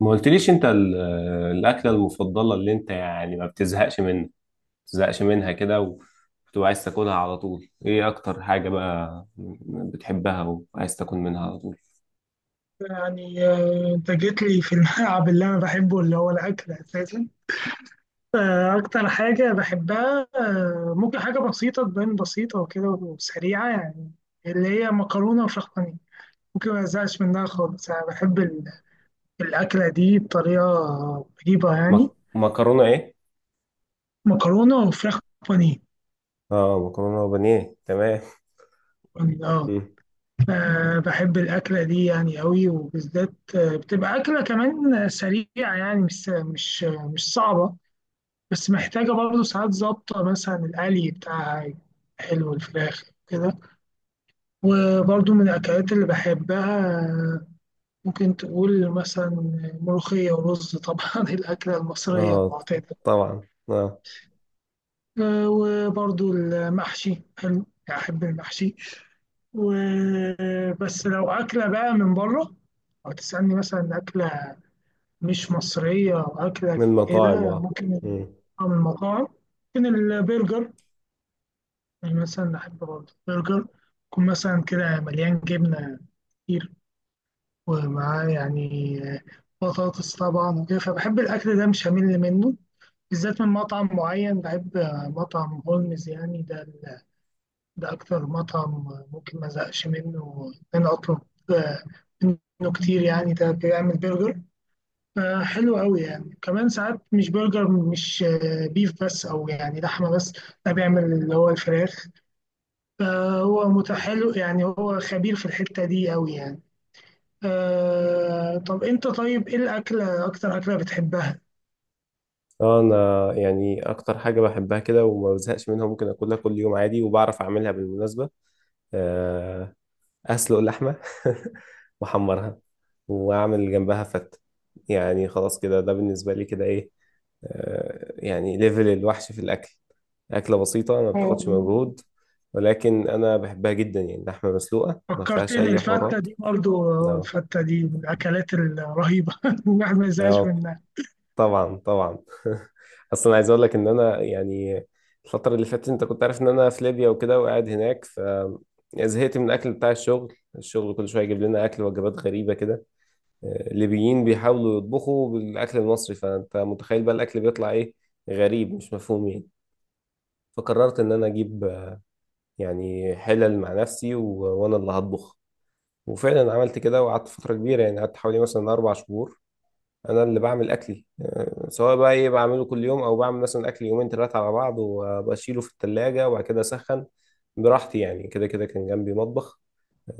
ما قلتليش انت الاكله المفضله اللي انت يعني ما بتزهقش منها كده وبتبقى عايز تاكلها على طول. ايه اكتر حاجه بقى بتحبها وعايز تاكل منها على طول؟ يعني انت جيت لي في الملعب اللي انا بحبه اللي هو الاكل اساسا. اكتر حاجه بحبها، ممكن حاجه بسيطه تبان بسيطه وكده وسريعه، يعني اللي هي مكرونه وفراخ بانيه. ممكن ما ازهقش منها خالص. انا بحب الاكله دي بطريقه غريبه يعني. مكرونه ايه؟ مكرونه وفراخ بانيه. اه، مكرونه وبانيه، تمام. اه. مم. بحب الأكلة دي يعني قوي، وبالذات بتبقى أكلة كمان سريعة، يعني مش صعبة، بس محتاجة برضه ساعات ظابطة، مثلا القلي بتاعها حلو الفراخ كده. وبرضه من الأكلات اللي بحبها، ممكن تقول مثلا ملوخية ورز طبعا الأكلة المصرية اه، المعتادة. طبعا اه. وبرضه المحشي حلو، أحب المحشي. وبس لو أكلة بقى من بره، أو تسألني مثلا أكلة مش مصرية أو أكلة من مطاعم كده، اه. ممكن مم. أو من المطاعم ممكن البرجر. يعني مثلا بحب برضه برجر يكون مثلا كده مليان جبنة كتير، ومعاه يعني بطاطس طبعا وكده. فبحب الأكل ده، مش همل منه، بالذات من مطعم معين بحب، مطعم هولمز. يعني ده أكتر مطعم ممكن ما أزهقش منه، إن أنا أطلب آه، منه كتير. يعني ده بيعمل برجر حلو قوي يعني، كمان ساعات مش برجر، مش بيف بس أو يعني لحمة بس، ده بيعمل اللي هو الفراخ. هو متحلو يعني، هو خبير في الحتة دي أوي يعني. آه، طب أنت طيب إيه الأكلة، أكتر أكلة بتحبها؟ اه، انا يعني اكتر حاجه بحبها كده وما بزهقش منها ممكن اكلها كل يوم عادي، وبعرف اعملها بالمناسبه. اسلق اللحمه واحمرها واعمل جنبها فته. يعني خلاص كده، ده بالنسبه لي كده ايه، يعني ليفل الوحش في الاكل. اكله بسيطه ما آه، بتاخدش مجهود، ولكن انا بحبها جدا يعني. لحمه مسلوقه ما فيهاش فكرتني اي الفتة حوارات. دي برضو، اه. الفتة دي من الأكلات الرهيبة الواحد ما يزهقش اه منها. طبعا طبعا. اصلا عايز اقول لك ان انا يعني الفتره اللي فاتت، انت كنت عارف ان انا في ليبيا وكده وقاعد هناك، ف زهقت من الاكل بتاع الشغل. الشغل كل شويه يجيب لنا اكل، وجبات غريبه كده. ليبيين بيحاولوا يطبخوا بالاكل المصري، فانت متخيل بقى الاكل بيطلع ايه. غريب مش مفهوم يعني. فقررت ان انا اجيب يعني حلل مع نفسي وانا اللي هطبخ. وفعلا عملت كده، وقعدت فتره كبيره يعني قعدت حوالي مثلا 4 شهور انا اللي بعمل اكلي، سواء بقى ايه بعمله كل يوم، او بعمل مثلا اكل يومين ثلاثه على بعض وبشيله في الثلاجه وبعد كده اسخن براحتي. يعني كده كده كان جنبي مطبخ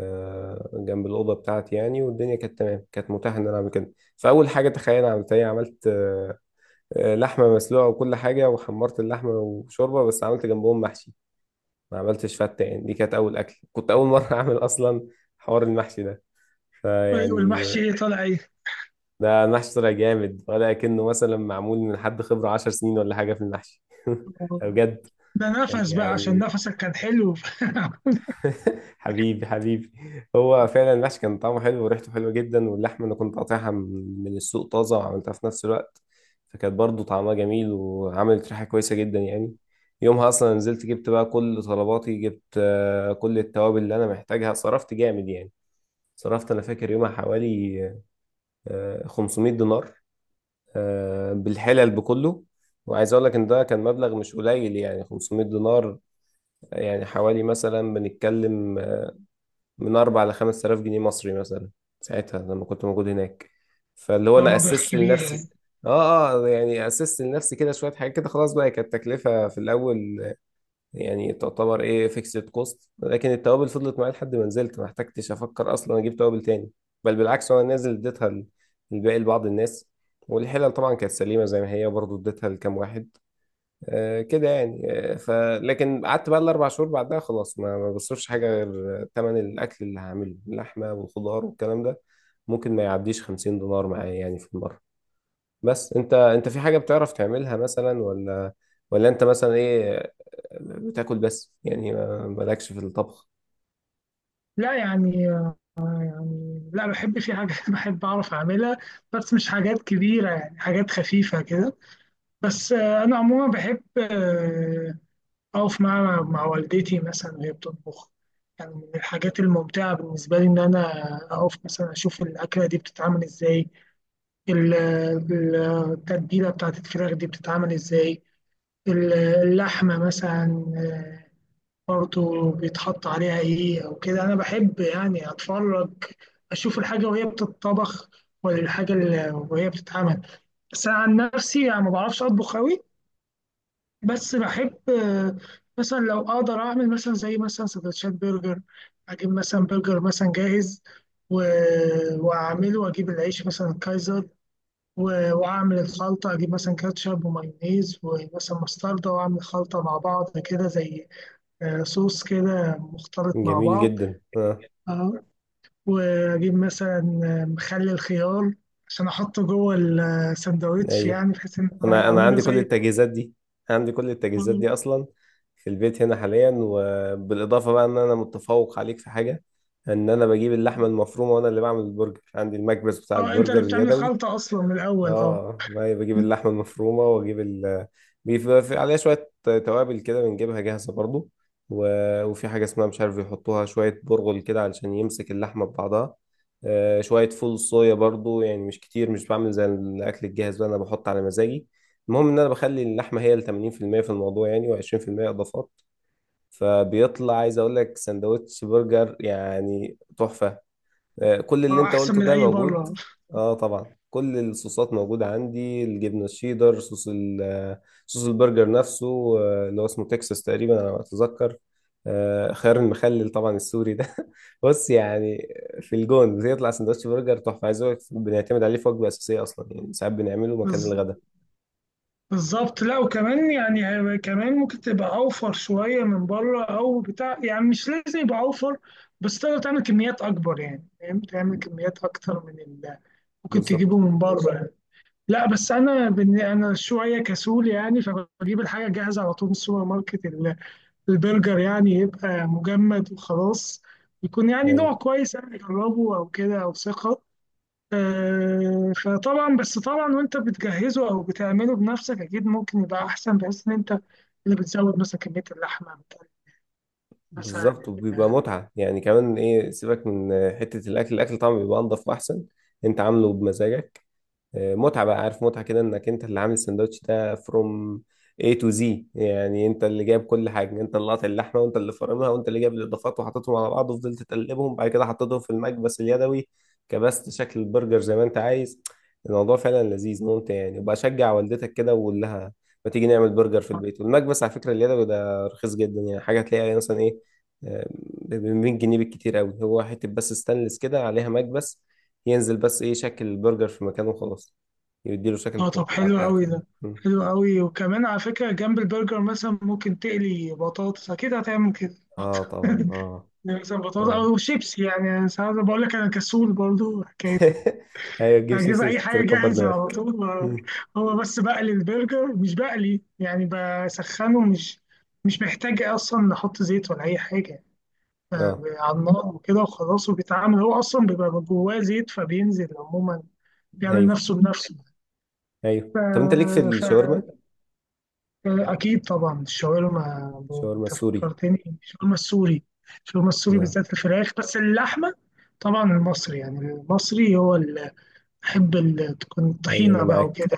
جنب الأوضة بتاعتي يعني، والدنيا كانت تمام، كانت متاحة إن أنا أعمل كده. فأول حاجة تخيل عملت إيه؟ عملت لحمة مسلوقة وكل حاجة، وحمرت اللحمة وشوربة، بس عملت جنبهم محشي. ما عملتش فتة يعني. دي كانت أول أكل، كنت أول مرة أعمل أصلا حوار المحشي ده وإيه، فيعني. والمحشي إيه طالع إيه؟ ده المحشي طلع جامد، ولا كأنه مثلا معمول من حد خبرة 10 سنين ولا حاجة في المحشي. بجد ده كان نفس بقى، عشان يعني. نفسك كان حلو. حبيبي حبيبي، هو فعلا المحشي كان طعمه حلو وريحته حلوه جدا، واللحمه انا كنت قاطعها من السوق طازه وعملتها في نفس الوقت، فكانت برضو طعمها جميل وعملت ريحه كويسه جدا يعني. يومها اصلا نزلت جبت بقى كل طلباتي، جبت كل التوابل اللي انا محتاجها، صرفت جامد يعني. صرفت انا فاكر يومها حوالي 500 دينار، بالحلل بكله. وعايز اقول لك ان ده كان مبلغ مش قليل يعني. 500 دينار يعني حوالي مثلا، بنتكلم من أربع لخمس آلاف جنيه مصري مثلا ساعتها لما كنت موجود هناك. فاللي هو هو أنا مبلغ أسست كبير لنفسي. يعني. آه آه، يعني أسست لنفسي كده شوية حاجات كده، خلاص بقى كانت تكلفة في الأول يعني، تعتبر إيه فيكسد كوست. لكن التوابل فضلت معايا لحد ما نزلت، ما احتجتش أفكر أصلا أجيب توابل تاني، بل بالعكس. وأنا نازل اديتها الباقي لبعض الناس، والحلل طبعا كانت سليمة زي ما هي برضو اديتها لكام واحد، كده يعني آه، ف لكن قعدت بقى الاربع شهور، بعدها خلاص ما بصرفش حاجه غير ثمن الاكل اللي هعمله، اللحمه والخضار والكلام ده ممكن ما يعديش 50 دينار معايا يعني في المره. بس انت، في حاجه بتعرف تعملها مثلا؟ ولا انت مثلا ايه، بتاكل بس يعني مالكش في الطبخ؟ لا يعني، يعني لا، بحب في حاجات بحب أعرف أعملها، بس مش حاجات كبيرة يعني، حاجات خفيفة كده. بس انا عموما بحب اقف مع والدتي مثلا وهي بتطبخ. يعني من الحاجات الممتعه بالنسبه لي ان انا اقف مثلا اشوف الاكله دي بتتعمل ازاي، ال- ال- التتبيله بتاعت الفراخ دي بتتعمل ازاي، اللحمه مثلا برضه بيتحط عليها ايه او كده. انا بحب يعني اتفرج، اشوف الحاجه وهي بتتطبخ، ولا الحاجه اللي وهي بتتعمل. بس انا عن نفسي يعني ما بعرفش اطبخ قوي. بس بحب مثلا لو اقدر اعمل مثلا زي مثلا سندوتشات برجر، اجيب مثلا برجر مثلا جاهز و... واعمله، واجيب العيش مثلا كايزر، و... واعمل الخلطه، اجيب مثلا كاتشب ومايونيز ومثلا مستردة، واعمل خلطه مع بعض كده، زي صوص كده مختلط مع جميل بعض. جدا اه. اه. واجيب مثلا مخلل خيار عشان احطه جوه الساندوتش، ايوه يعني بحيث ان انا اعمله عندي كل زي. التجهيزات دي. عندي كل التجهيزات دي اصلا في البيت هنا حاليا. وبالاضافه بقى ان انا متفوق عليك في حاجه، ان انا بجيب اللحمه المفرومه وانا اللي بعمل البرجر. عندي المكبس بتاع اه، انت اللي البرجر بتعمل اليدوي. خلطه اصلا من الاول. اه، اه، ما بجيب اللحمه المفرومه واجيب ال، بيبقى في عليها شويه توابل كده بنجيبها جاهزه برضو، و... وفي حاجه اسمها مش عارف، يحطوها شويه برغل كده علشان يمسك اللحمه ببعضها. آه، شويه فول صويا برضو يعني مش كتير. مش بعمل زي الاكل الجاهز بقى، انا بحط على مزاجي. المهم ان انا بخلي اللحمه هي ال 80% في المية في الموضوع يعني، و20% اضافات، فبيطلع عايز اقول لك سندوتش برجر يعني تحفه. كل اللي اه، انت احسن قلته من ده اي موجود. بره. اه طبعا، كل الصوصات موجودة عندي. الجبنة الشيدر، صوص ال صوص البرجر نفسه، اللي هو اسمه تكساس تقريبا على ما اتذكر. خيار المخلل طبعا السوري ده. بص يعني في الجون بيطلع سندوتش برجر تحفة، عايز اقول لك بنعتمد عليه في وجبة أساسية أصلا، يعني ساعات بنعمله مكان بز- الغداء. بالظبط، لا. وكمان يعني كمان ممكن تبقى اوفر شويه من بره او بتاع، يعني مش لازم يبقى اوفر، بس تقدر تعمل كميات اكبر يعني. فاهم، تعمل كميات اكتر من اللي ممكن بالظبط. تجيبه من بره يعني. لا، بس انا انا شويه كسول يعني، فبجيب الحاجه جاهزه على طول من السوبر ماركت. البرجر يعني يبقى مجمد وخلاص، يكون يعني نوع ايوه كويس يعني اجربه او كده، او ثقه. فطبعا، بس طبعا وانت بتجهزه او بتعمله بنفسك، اكيد ممكن يبقى احسن، بحيث ان انت اللي بتزود مثلا كميه اللحمه بتاعت مثلا. بالظبط، وبيبقى متعة يعني. كمان ايه، سيبك من حتة الأكل. الأكل طبعا بيبقى أنضف وأحسن، أنت عامله بمزاجك. متعة بقى، عارف، متعة كده انك انت اللي عامل السندوتش ده فروم A to Z يعني. انت اللي جايب كل حاجة، انت اللي قاطع اللحمة وانت اللي فرمها، وانت اللي جايب الاضافات وحطيتهم على بعض وفضلت تقلبهم، بعد كده حطيتهم في المكبس اليدوي، كبست شكل البرجر زي ما انت عايز. الموضوع فعلا لذيذ ممتع يعني، وبشجع والدتك كده واقول لها ما تيجي نعمل برجر في البيت. والمكبس على فكرة اليدوي ده رخيص جدا يعني، حاجة تلاقيها مثلا ايه، آه، ب 100 جنيه بالكتير قوي. هو حتة بس ستانلس كده عليها مكبس، ينزل بس ايه شكل البرجر في مكانه وخلاص، يديله شكل اه، طب التطبيعة حلو بتاعته قوي يعني. ده، مم. حلو قوي. وكمان على فكره جنب البرجر مثلا ممكن تقلي بطاطس، اكيد هتعمل كده اه طبعا اه. يعني مثلا بطاطس اه. او شيبسي. يعني ساعات بقول لك انا كسول برضو حكايه، ايوه، تجيب اجيب شيبسي اي حاجه وتكبر جاهزه على دماغك. طول مم. هو بس بقلي البرجر، مش بقلي يعني، بسخنه، مش مش محتاج اصلا نحط زيت ولا اي حاجه. ف- اه. على النار وكده وخلاص، وبيتعمل هو اصلا، بيبقى جواه زيت، فبينزل عموما، بيعمل ايوه. نفسه بنفسه. ف... ايوه، طب انت ليك في ف... الشاورما؟ اكيد طبعا الشاورما. شاورما انت السوري. فكرتني الشاورما السوري، الشاورما السوري اه بالذات الفراخ، بس اللحمه طبعا المصري، يعني المصري هو اللي بحب تكون ايوه انا الطحينه بقى معاك. وكده،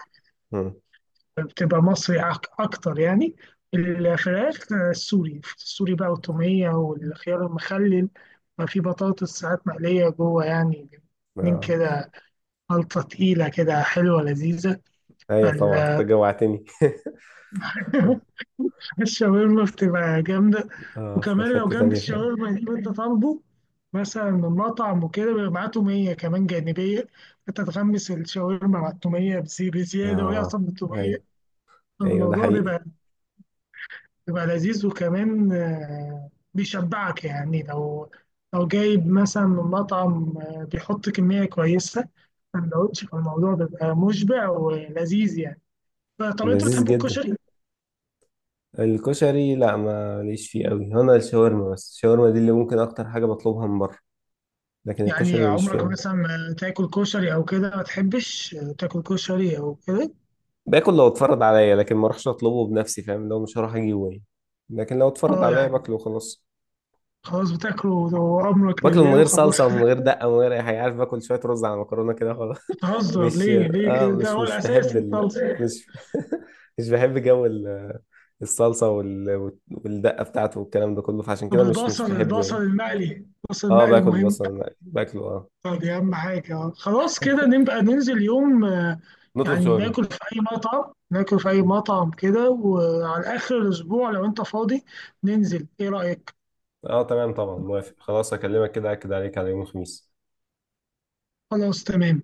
مم. بتبقى مصري أكتر يعني. الفراخ السوري، السوري بقى، والتومية والخيار المخلل، ما في بطاطس ساعات مقلية جوه يعني، من اه كده، خلطة تقيلة كده حلوة لذيذة. ايوه طبعا، انت ال- جوعتني. الشاورما بتبقى جامدة. اه في وكمان لو حتة جنب تانية فعلا. الشاورما اللي انت طالبه مثلا من مطعم وكده، بيبقى معاه تومية كمان جانبية، انت تغمس الشاورما مع التومية بزيادة، وهي اه أصلا التومية ايوه. ايوه ده الموضوع حقيقي. بيبقى بيبقى لذيذ، وكمان بيشبعك يعني. لو لو جايب مثلا من مطعم بيحط كمية كويسة سندوتش، فالموضوع بيبقى مشبع ولذيذ يعني. طب انت لذيذ بتحب جدا. الكشري؟ الكشري لا، ما ليش فيه قوي هنا. الشاورما بس، الشاورما دي اللي ممكن اكتر حاجة بطلبها من بره. لكن يعني الكشري ماليش فيه عمرك أوي. مثلا ما تاكل كشري او كده، ما تحبش تاكل كشري او كده؟ باكل لو اتفرض عليا، لكن ما اروحش اطلبه بنفسي فاهم، لو مش هروح اجيبه يعني. لكن لو اتفرض اه عليا يعني، باكله وخلاص. خلاص بتاكله وامرك باكله من لله غير وخلاص. صلصه ومن غير دقه ومن غير اي حاجه، عارف، باكل شويه رز على مكرونه كده خلاص. بتهزر مش ليه اه كده، ده مش هو مش الاساس. بحب ال... طب مش مش بحب جو الصلصه والدقه بتاعته والكلام ده كله، فعشان طب كده مش البصل، بحبه البصل يعني. المقلي، البصل اه المقلي باكل مهم، بصل، باكله اه. دي أهم حاجة. آه. خلاص كده نبقى ننزل يوم، نطلب يعني شاورما. ناكل في أي مطعم، ناكل في أي مطعم كده، وعلى آخر الأسبوع لو أنت فاضي ننزل، إيه رأيك؟ اه تمام طبعا موافق، خلاص اكلمك كده اكد عليك على يوم الخميس. خلاص تمام.